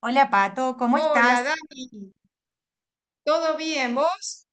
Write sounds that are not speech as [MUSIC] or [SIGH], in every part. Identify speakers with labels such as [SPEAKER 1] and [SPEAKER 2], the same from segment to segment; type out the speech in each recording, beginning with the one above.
[SPEAKER 1] Hola Pato, ¿cómo
[SPEAKER 2] Hola,
[SPEAKER 1] estás?
[SPEAKER 2] Dani, ¿todo bien vos?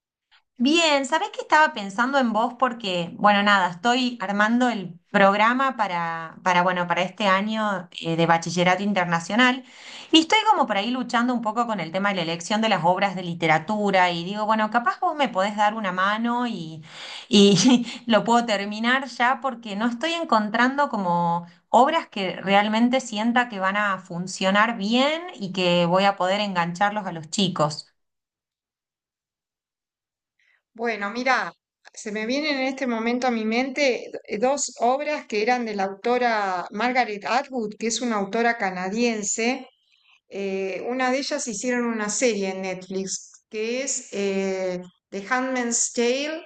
[SPEAKER 1] Bien, ¿sabés que estaba pensando en vos? Porque, bueno, nada, estoy armando el programa bueno, para este año de Bachillerato Internacional y estoy como por ahí luchando un poco con el tema de la elección de las obras de literatura y digo, bueno, capaz vos me podés dar una mano y [LAUGHS] lo puedo terminar ya porque no estoy encontrando como obras que realmente sienta que van a funcionar bien y que voy a poder engancharlos a los chicos.
[SPEAKER 2] Bueno, mira, se me vienen en este momento a mi mente dos obras que eran de la autora Margaret Atwood, que es una autora canadiense. Una de ellas hicieron una serie en Netflix, que es The Handmaid's Tale,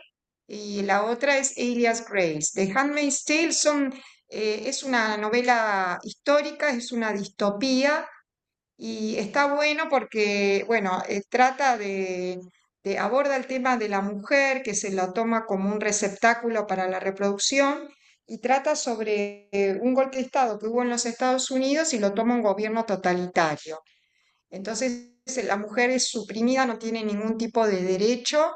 [SPEAKER 2] y la otra es Elias Grace. The Handmaid's Tale es una novela histórica, es una distopía. Y está bueno porque, aborda el tema de la mujer que se la toma como un receptáculo para la reproducción, y trata sobre un golpe de Estado que hubo en los Estados Unidos y lo toma un gobierno totalitario. Entonces, la mujer es suprimida, no tiene ningún tipo de derecho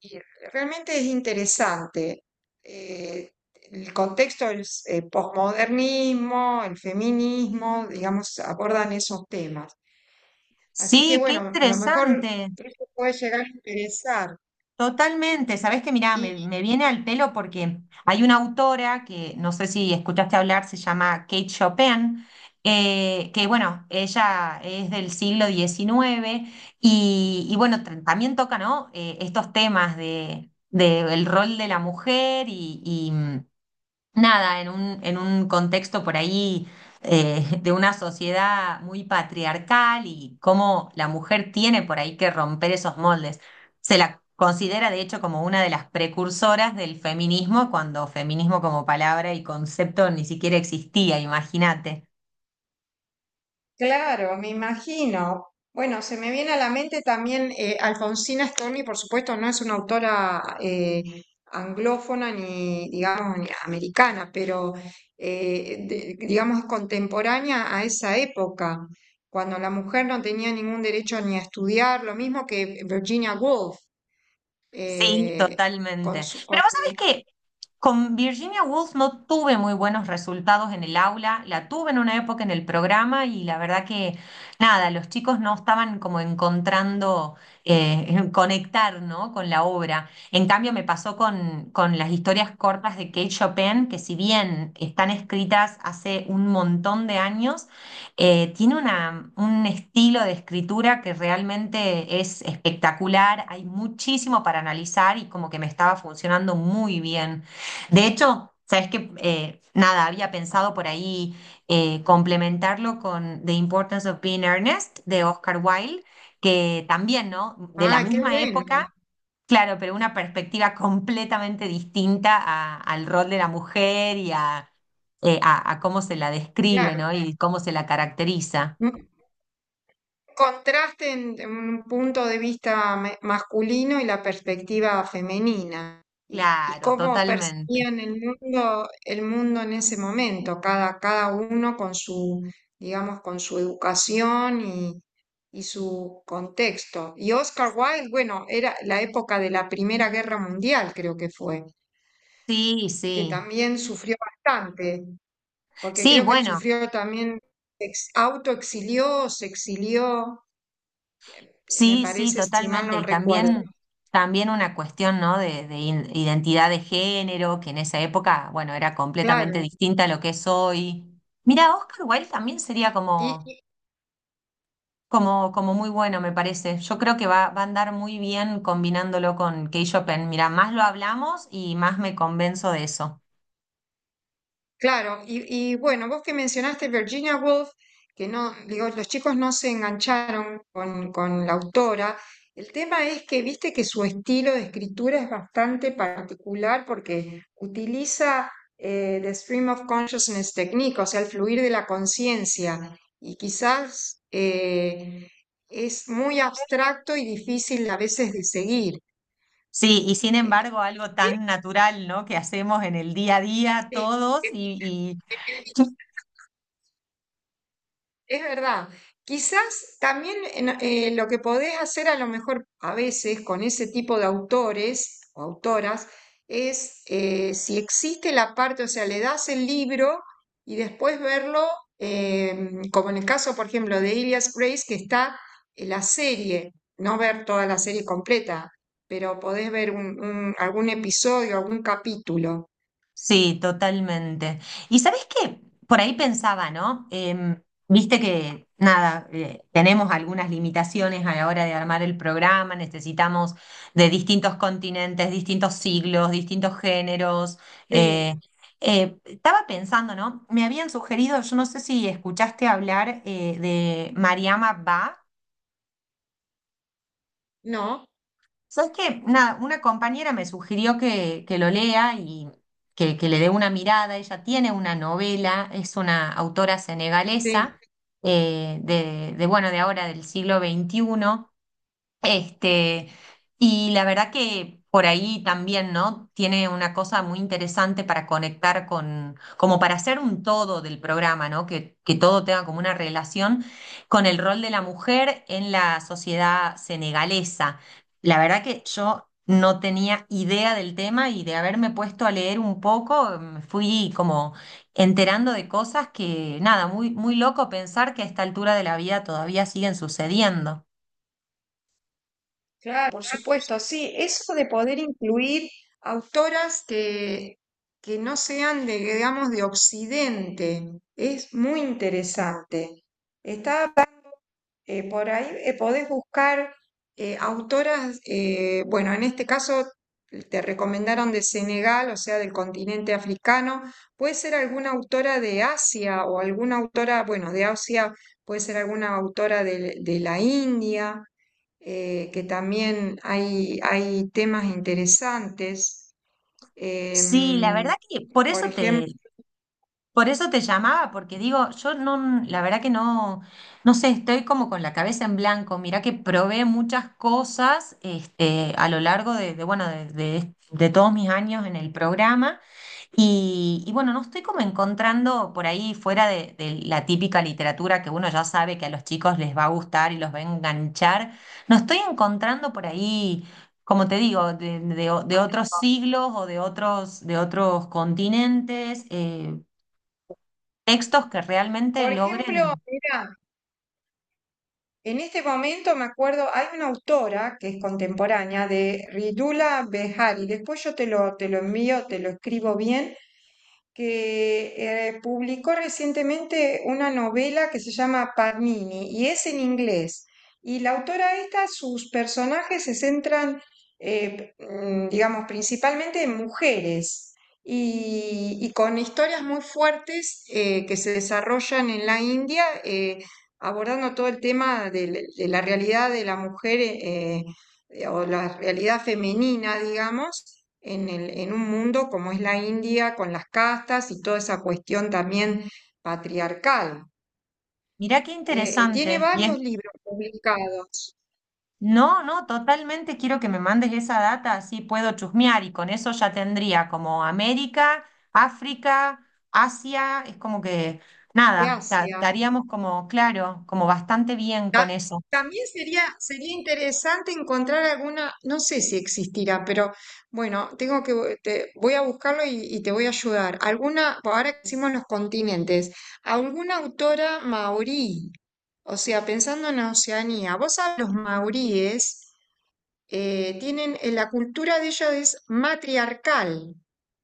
[SPEAKER 2] y realmente es interesante. Eh, el contexto del posmodernismo, el feminismo, digamos, abordan esos temas. Así que
[SPEAKER 1] Sí, qué
[SPEAKER 2] bueno, a lo mejor
[SPEAKER 1] interesante.
[SPEAKER 2] eso puede llegar a interesar.
[SPEAKER 1] Totalmente. Sabés que, mirá,
[SPEAKER 2] Y
[SPEAKER 1] me viene al pelo porque hay una autora que no sé si escuchaste hablar, se llama Kate Chopin, que bueno, ella es del siglo 19 bueno, también toca, ¿no? Estos temas de el rol de la mujer y nada, en un contexto por ahí de una sociedad muy patriarcal y cómo la mujer tiene por ahí que romper esos moldes. Se la considera de hecho como una de las precursoras del feminismo, cuando feminismo como palabra y concepto ni siquiera existía, imagínate.
[SPEAKER 2] claro, me imagino. Bueno, se me viene a la mente también Alfonsina Storni, por supuesto, no es una autora anglófona ni, digamos, ni americana, pero digamos es contemporánea a esa época, cuando la mujer no tenía ningún derecho ni a estudiar, lo mismo que Virginia Woolf.
[SPEAKER 1] Sí,
[SPEAKER 2] eh, con
[SPEAKER 1] totalmente.
[SPEAKER 2] su, con-
[SPEAKER 1] Pero vos sabés que con Virginia Woolf no tuve muy buenos resultados en el aula, la tuve en una época en el programa y la verdad que nada, los chicos no estaban como encontrando [LAUGHS] conectar, ¿no? Con la obra. En cambio me pasó con las historias cortas de Kate Chopin, que si bien están escritas hace un montón de años, tiene un estilo de escritura que realmente es espectacular, hay muchísimo para analizar y como que me estaba funcionando muy bien. De hecho, sabes que nada, había pensado por ahí complementarlo con The Importance of Being Earnest de Oscar Wilde, que también, ¿no? De la
[SPEAKER 2] Ah, qué
[SPEAKER 1] misma
[SPEAKER 2] bueno,
[SPEAKER 1] época. Claro, pero una perspectiva completamente distinta al rol de la mujer y a cómo se la describe,
[SPEAKER 2] claro.
[SPEAKER 1] ¿no? Y cómo se la caracteriza.
[SPEAKER 2] Contraste en un punto de vista masculino y la perspectiva femenina, y
[SPEAKER 1] Claro,
[SPEAKER 2] cómo
[SPEAKER 1] totalmente.
[SPEAKER 2] percibían el mundo en ese momento, cada, cada uno con su, digamos, con su educación y su contexto. Y Oscar Wilde, bueno, era la época de la Primera Guerra Mundial, creo que fue,
[SPEAKER 1] Sí,
[SPEAKER 2] que
[SPEAKER 1] sí.
[SPEAKER 2] también sufrió bastante, porque
[SPEAKER 1] Sí,
[SPEAKER 2] creo que
[SPEAKER 1] bueno,
[SPEAKER 2] sufrió también, autoexilió, se exilió, me
[SPEAKER 1] sí, sí,
[SPEAKER 2] parece, si mal
[SPEAKER 1] totalmente.
[SPEAKER 2] no
[SPEAKER 1] Y
[SPEAKER 2] recuerdo.
[SPEAKER 1] también, también una cuestión, ¿no? De, identidad de género, que en esa época, bueno, era completamente
[SPEAKER 2] Claro,
[SPEAKER 1] distinta a lo que es hoy. Mira, Oscar Wilde también sería
[SPEAKER 2] y,
[SPEAKER 1] como
[SPEAKER 2] y-
[SPEAKER 1] como, como muy bueno, me parece. Yo creo que va a andar muy bien combinándolo con K-Shopen. Mira, más lo hablamos y más me convenzo de eso.
[SPEAKER 2] claro, y bueno, vos que mencionaste Virginia Woolf, que no, digo, los chicos no se engancharon con la autora. El tema es que viste que su estilo de escritura es bastante particular porque utiliza the stream of consciousness technique, o sea, el fluir de la conciencia, y quizás es muy abstracto y difícil a veces de seguir.
[SPEAKER 1] Sí, y sin
[SPEAKER 2] Eh,
[SPEAKER 1] embargo, algo
[SPEAKER 2] ¿Qué?
[SPEAKER 1] tan natural, ¿no? Que hacemos en el día a día todos
[SPEAKER 2] Sí.
[SPEAKER 1] y
[SPEAKER 2] Es verdad. Quizás también lo que podés hacer a lo mejor a veces con ese tipo de autores o autoras es si existe la parte, o sea, le das el libro y después verlo, como en el caso, por ejemplo, de Ilias Grace, que está en la serie, no ver toda la serie completa, pero podés ver algún episodio, algún capítulo.
[SPEAKER 1] sí, totalmente. Y sabes qué, por ahí pensaba, ¿no? Viste que, nada, tenemos algunas limitaciones a la hora de armar el programa, necesitamos de distintos continentes, distintos siglos, distintos géneros. eh,
[SPEAKER 2] Sí,
[SPEAKER 1] estaba pensando, ¿no? Me habían sugerido, yo no sé si escuchaste hablar de Mariama Bach.
[SPEAKER 2] ¿no?
[SPEAKER 1] ¿Sabes qué? Nada, una compañera me sugirió que lo lea y que le dé una mirada. Ella tiene una novela, es una autora senegalesa
[SPEAKER 2] Sí.
[SPEAKER 1] bueno, de ahora del siglo 21 este, y la verdad que por ahí también, ¿no? Tiene una cosa muy interesante para conectar con, como para hacer un todo del programa, ¿no? Que todo tenga como una relación con el rol de la mujer en la sociedad senegalesa. La verdad que yo no tenía idea del tema y de haberme puesto a leer un poco, me fui como enterando de cosas que, nada, muy, muy loco pensar que a esta altura de la vida todavía siguen sucediendo.
[SPEAKER 2] Claro, por supuesto, sí, eso de poder incluir autoras que no sean de, digamos, de Occidente, es muy interesante. Está por ahí, podés buscar autoras, bueno, en este caso te recomendaron de Senegal, o sea, del continente africano, puede ser alguna autora de Asia o alguna autora, bueno, de Asia, puede ser alguna autora de la India, que también hay temas interesantes.
[SPEAKER 1] Sí, la verdad
[SPEAKER 2] em,
[SPEAKER 1] que
[SPEAKER 2] por ejemplo
[SPEAKER 1] por eso te llamaba, porque digo, yo no, la verdad que no, no sé, estoy como con la cabeza en blanco. Mirá que probé muchas cosas este, a lo largo bueno, de todos mis años en el programa. Y bueno, no estoy como encontrando por ahí fuera de la típica literatura que uno ya sabe que a los chicos les va a gustar y los va a enganchar. No estoy encontrando por ahí, como te digo, de otros siglos o de otros continentes. Textos que realmente
[SPEAKER 2] por
[SPEAKER 1] logren.
[SPEAKER 2] ejemplo, mira, en este momento me acuerdo, hay una autora que es contemporánea de Ridula Behari, después yo te lo envío, te lo escribo bien, que publicó recientemente una novela que se llama Panini y es en inglés. Y la autora esta, sus personajes se centran, digamos, principalmente en mujeres, y con historias muy fuertes que se desarrollan en la India, abordando todo el tema de la realidad de la mujer, o la realidad femenina, digamos en el, en un mundo como es la India, con las castas y toda esa cuestión también patriarcal.
[SPEAKER 1] Mirá qué
[SPEAKER 2] Tiene
[SPEAKER 1] interesante. Y es,
[SPEAKER 2] varios libros publicados
[SPEAKER 1] no, no, totalmente quiero que me mandes esa data, así puedo chusmear y con eso ya tendría como América, África, Asia, es como que
[SPEAKER 2] de
[SPEAKER 1] nada,
[SPEAKER 2] Asia.
[SPEAKER 1] estaríamos como, claro, como bastante bien con
[SPEAKER 2] Ta-
[SPEAKER 1] eso.
[SPEAKER 2] También sería, sería interesante encontrar alguna, no sé si existirá, pero bueno, tengo que, voy a buscarlo y te voy a ayudar. Alguna, pues ahora que hicimos los continentes, alguna autora maorí, o sea, pensando en Oceanía, vos sabés los maoríes tienen, la cultura de ellos es matriarcal,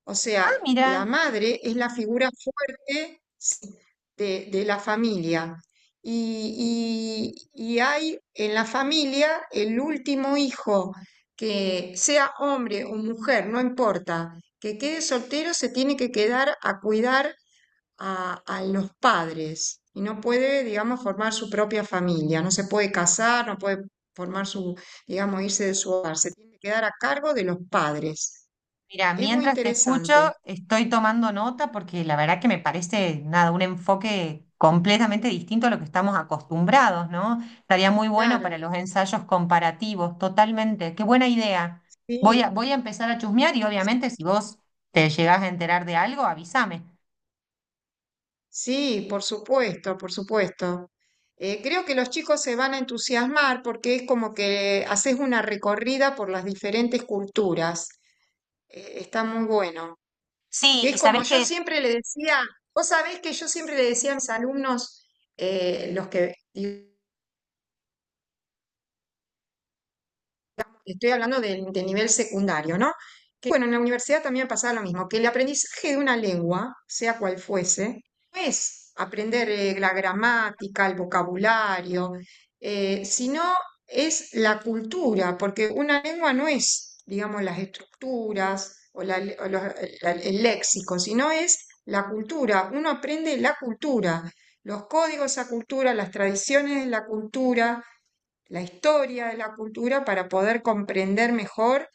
[SPEAKER 2] o
[SPEAKER 1] Ah,
[SPEAKER 2] sea, la
[SPEAKER 1] mira.
[SPEAKER 2] madre es la figura fuerte, sí, de la familia. Y hay en la familia el último hijo, que sea hombre o mujer, no importa, que quede soltero, se tiene que quedar a cuidar a los padres y no puede, digamos, formar su propia familia, no se puede casar, no puede formar su, digamos, irse de su hogar, se tiene que quedar a cargo de los padres.
[SPEAKER 1] Mira,
[SPEAKER 2] Es muy
[SPEAKER 1] mientras te escucho,
[SPEAKER 2] interesante.
[SPEAKER 1] estoy tomando nota porque la verdad que me parece nada, un enfoque completamente distinto a lo que estamos acostumbrados, ¿no? Estaría muy bueno para
[SPEAKER 2] Claro,
[SPEAKER 1] los ensayos comparativos, totalmente. Qué buena idea.
[SPEAKER 2] sí,
[SPEAKER 1] Voy a empezar a chusmear y obviamente si vos te llegás a enterar de algo, avísame.
[SPEAKER 2] sí, por supuesto, por supuesto. Creo que los chicos se van a entusiasmar porque es como que haces una recorrida por las diferentes culturas. Está muy bueno. Que
[SPEAKER 1] Sí,
[SPEAKER 2] es
[SPEAKER 1] y
[SPEAKER 2] como
[SPEAKER 1] sabés
[SPEAKER 2] yo
[SPEAKER 1] que
[SPEAKER 2] siempre le decía, vos sabés que yo siempre le decía a mis alumnos, los que, estoy hablando de del nivel secundario, ¿no? Que bueno, en la universidad también pasaba lo mismo, que el aprendizaje de una lengua, sea cual fuese, no es aprender la gramática, el vocabulario, sino es la cultura, porque una lengua no es, digamos, las estructuras o el léxico, sino es la cultura. Uno aprende la cultura, los códigos de esa cultura, las tradiciones de la cultura, la historia de la cultura, para poder comprender mejor,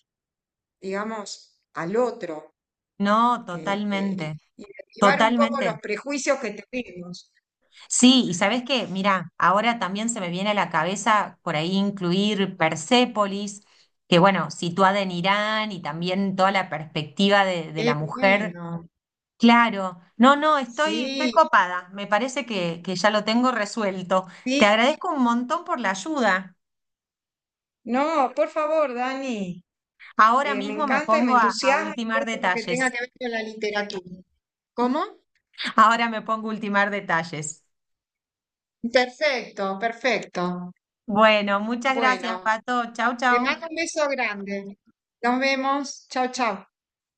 [SPEAKER 2] digamos, al otro,
[SPEAKER 1] no, totalmente,
[SPEAKER 2] y derribar un poco los
[SPEAKER 1] totalmente.
[SPEAKER 2] prejuicios que tenemos.
[SPEAKER 1] Sí, y sabes qué, mira, ahora también se me viene a la cabeza por ahí incluir Persépolis, que bueno, situada en Irán y también toda la perspectiva de
[SPEAKER 2] Qué
[SPEAKER 1] la mujer.
[SPEAKER 2] bueno,
[SPEAKER 1] Claro, no, no, estoy, estoy
[SPEAKER 2] sí,
[SPEAKER 1] copada, me parece que ya lo tengo resuelto. Te
[SPEAKER 2] sí.
[SPEAKER 1] agradezco un montón por la ayuda.
[SPEAKER 2] No, por favor, Dani,
[SPEAKER 1] Ahora
[SPEAKER 2] me
[SPEAKER 1] mismo me
[SPEAKER 2] encanta y me
[SPEAKER 1] pongo a
[SPEAKER 2] entusiasma
[SPEAKER 1] ultimar
[SPEAKER 2] todo lo que tenga
[SPEAKER 1] detalles.
[SPEAKER 2] que ver con la literatura. ¿Cómo?
[SPEAKER 1] Ahora me pongo a ultimar detalles.
[SPEAKER 2] Perfecto, perfecto.
[SPEAKER 1] Bueno, muchas gracias,
[SPEAKER 2] Bueno,
[SPEAKER 1] Pato. Chau,
[SPEAKER 2] te
[SPEAKER 1] chau.
[SPEAKER 2] mando un beso grande. Nos vemos. Chao, chao.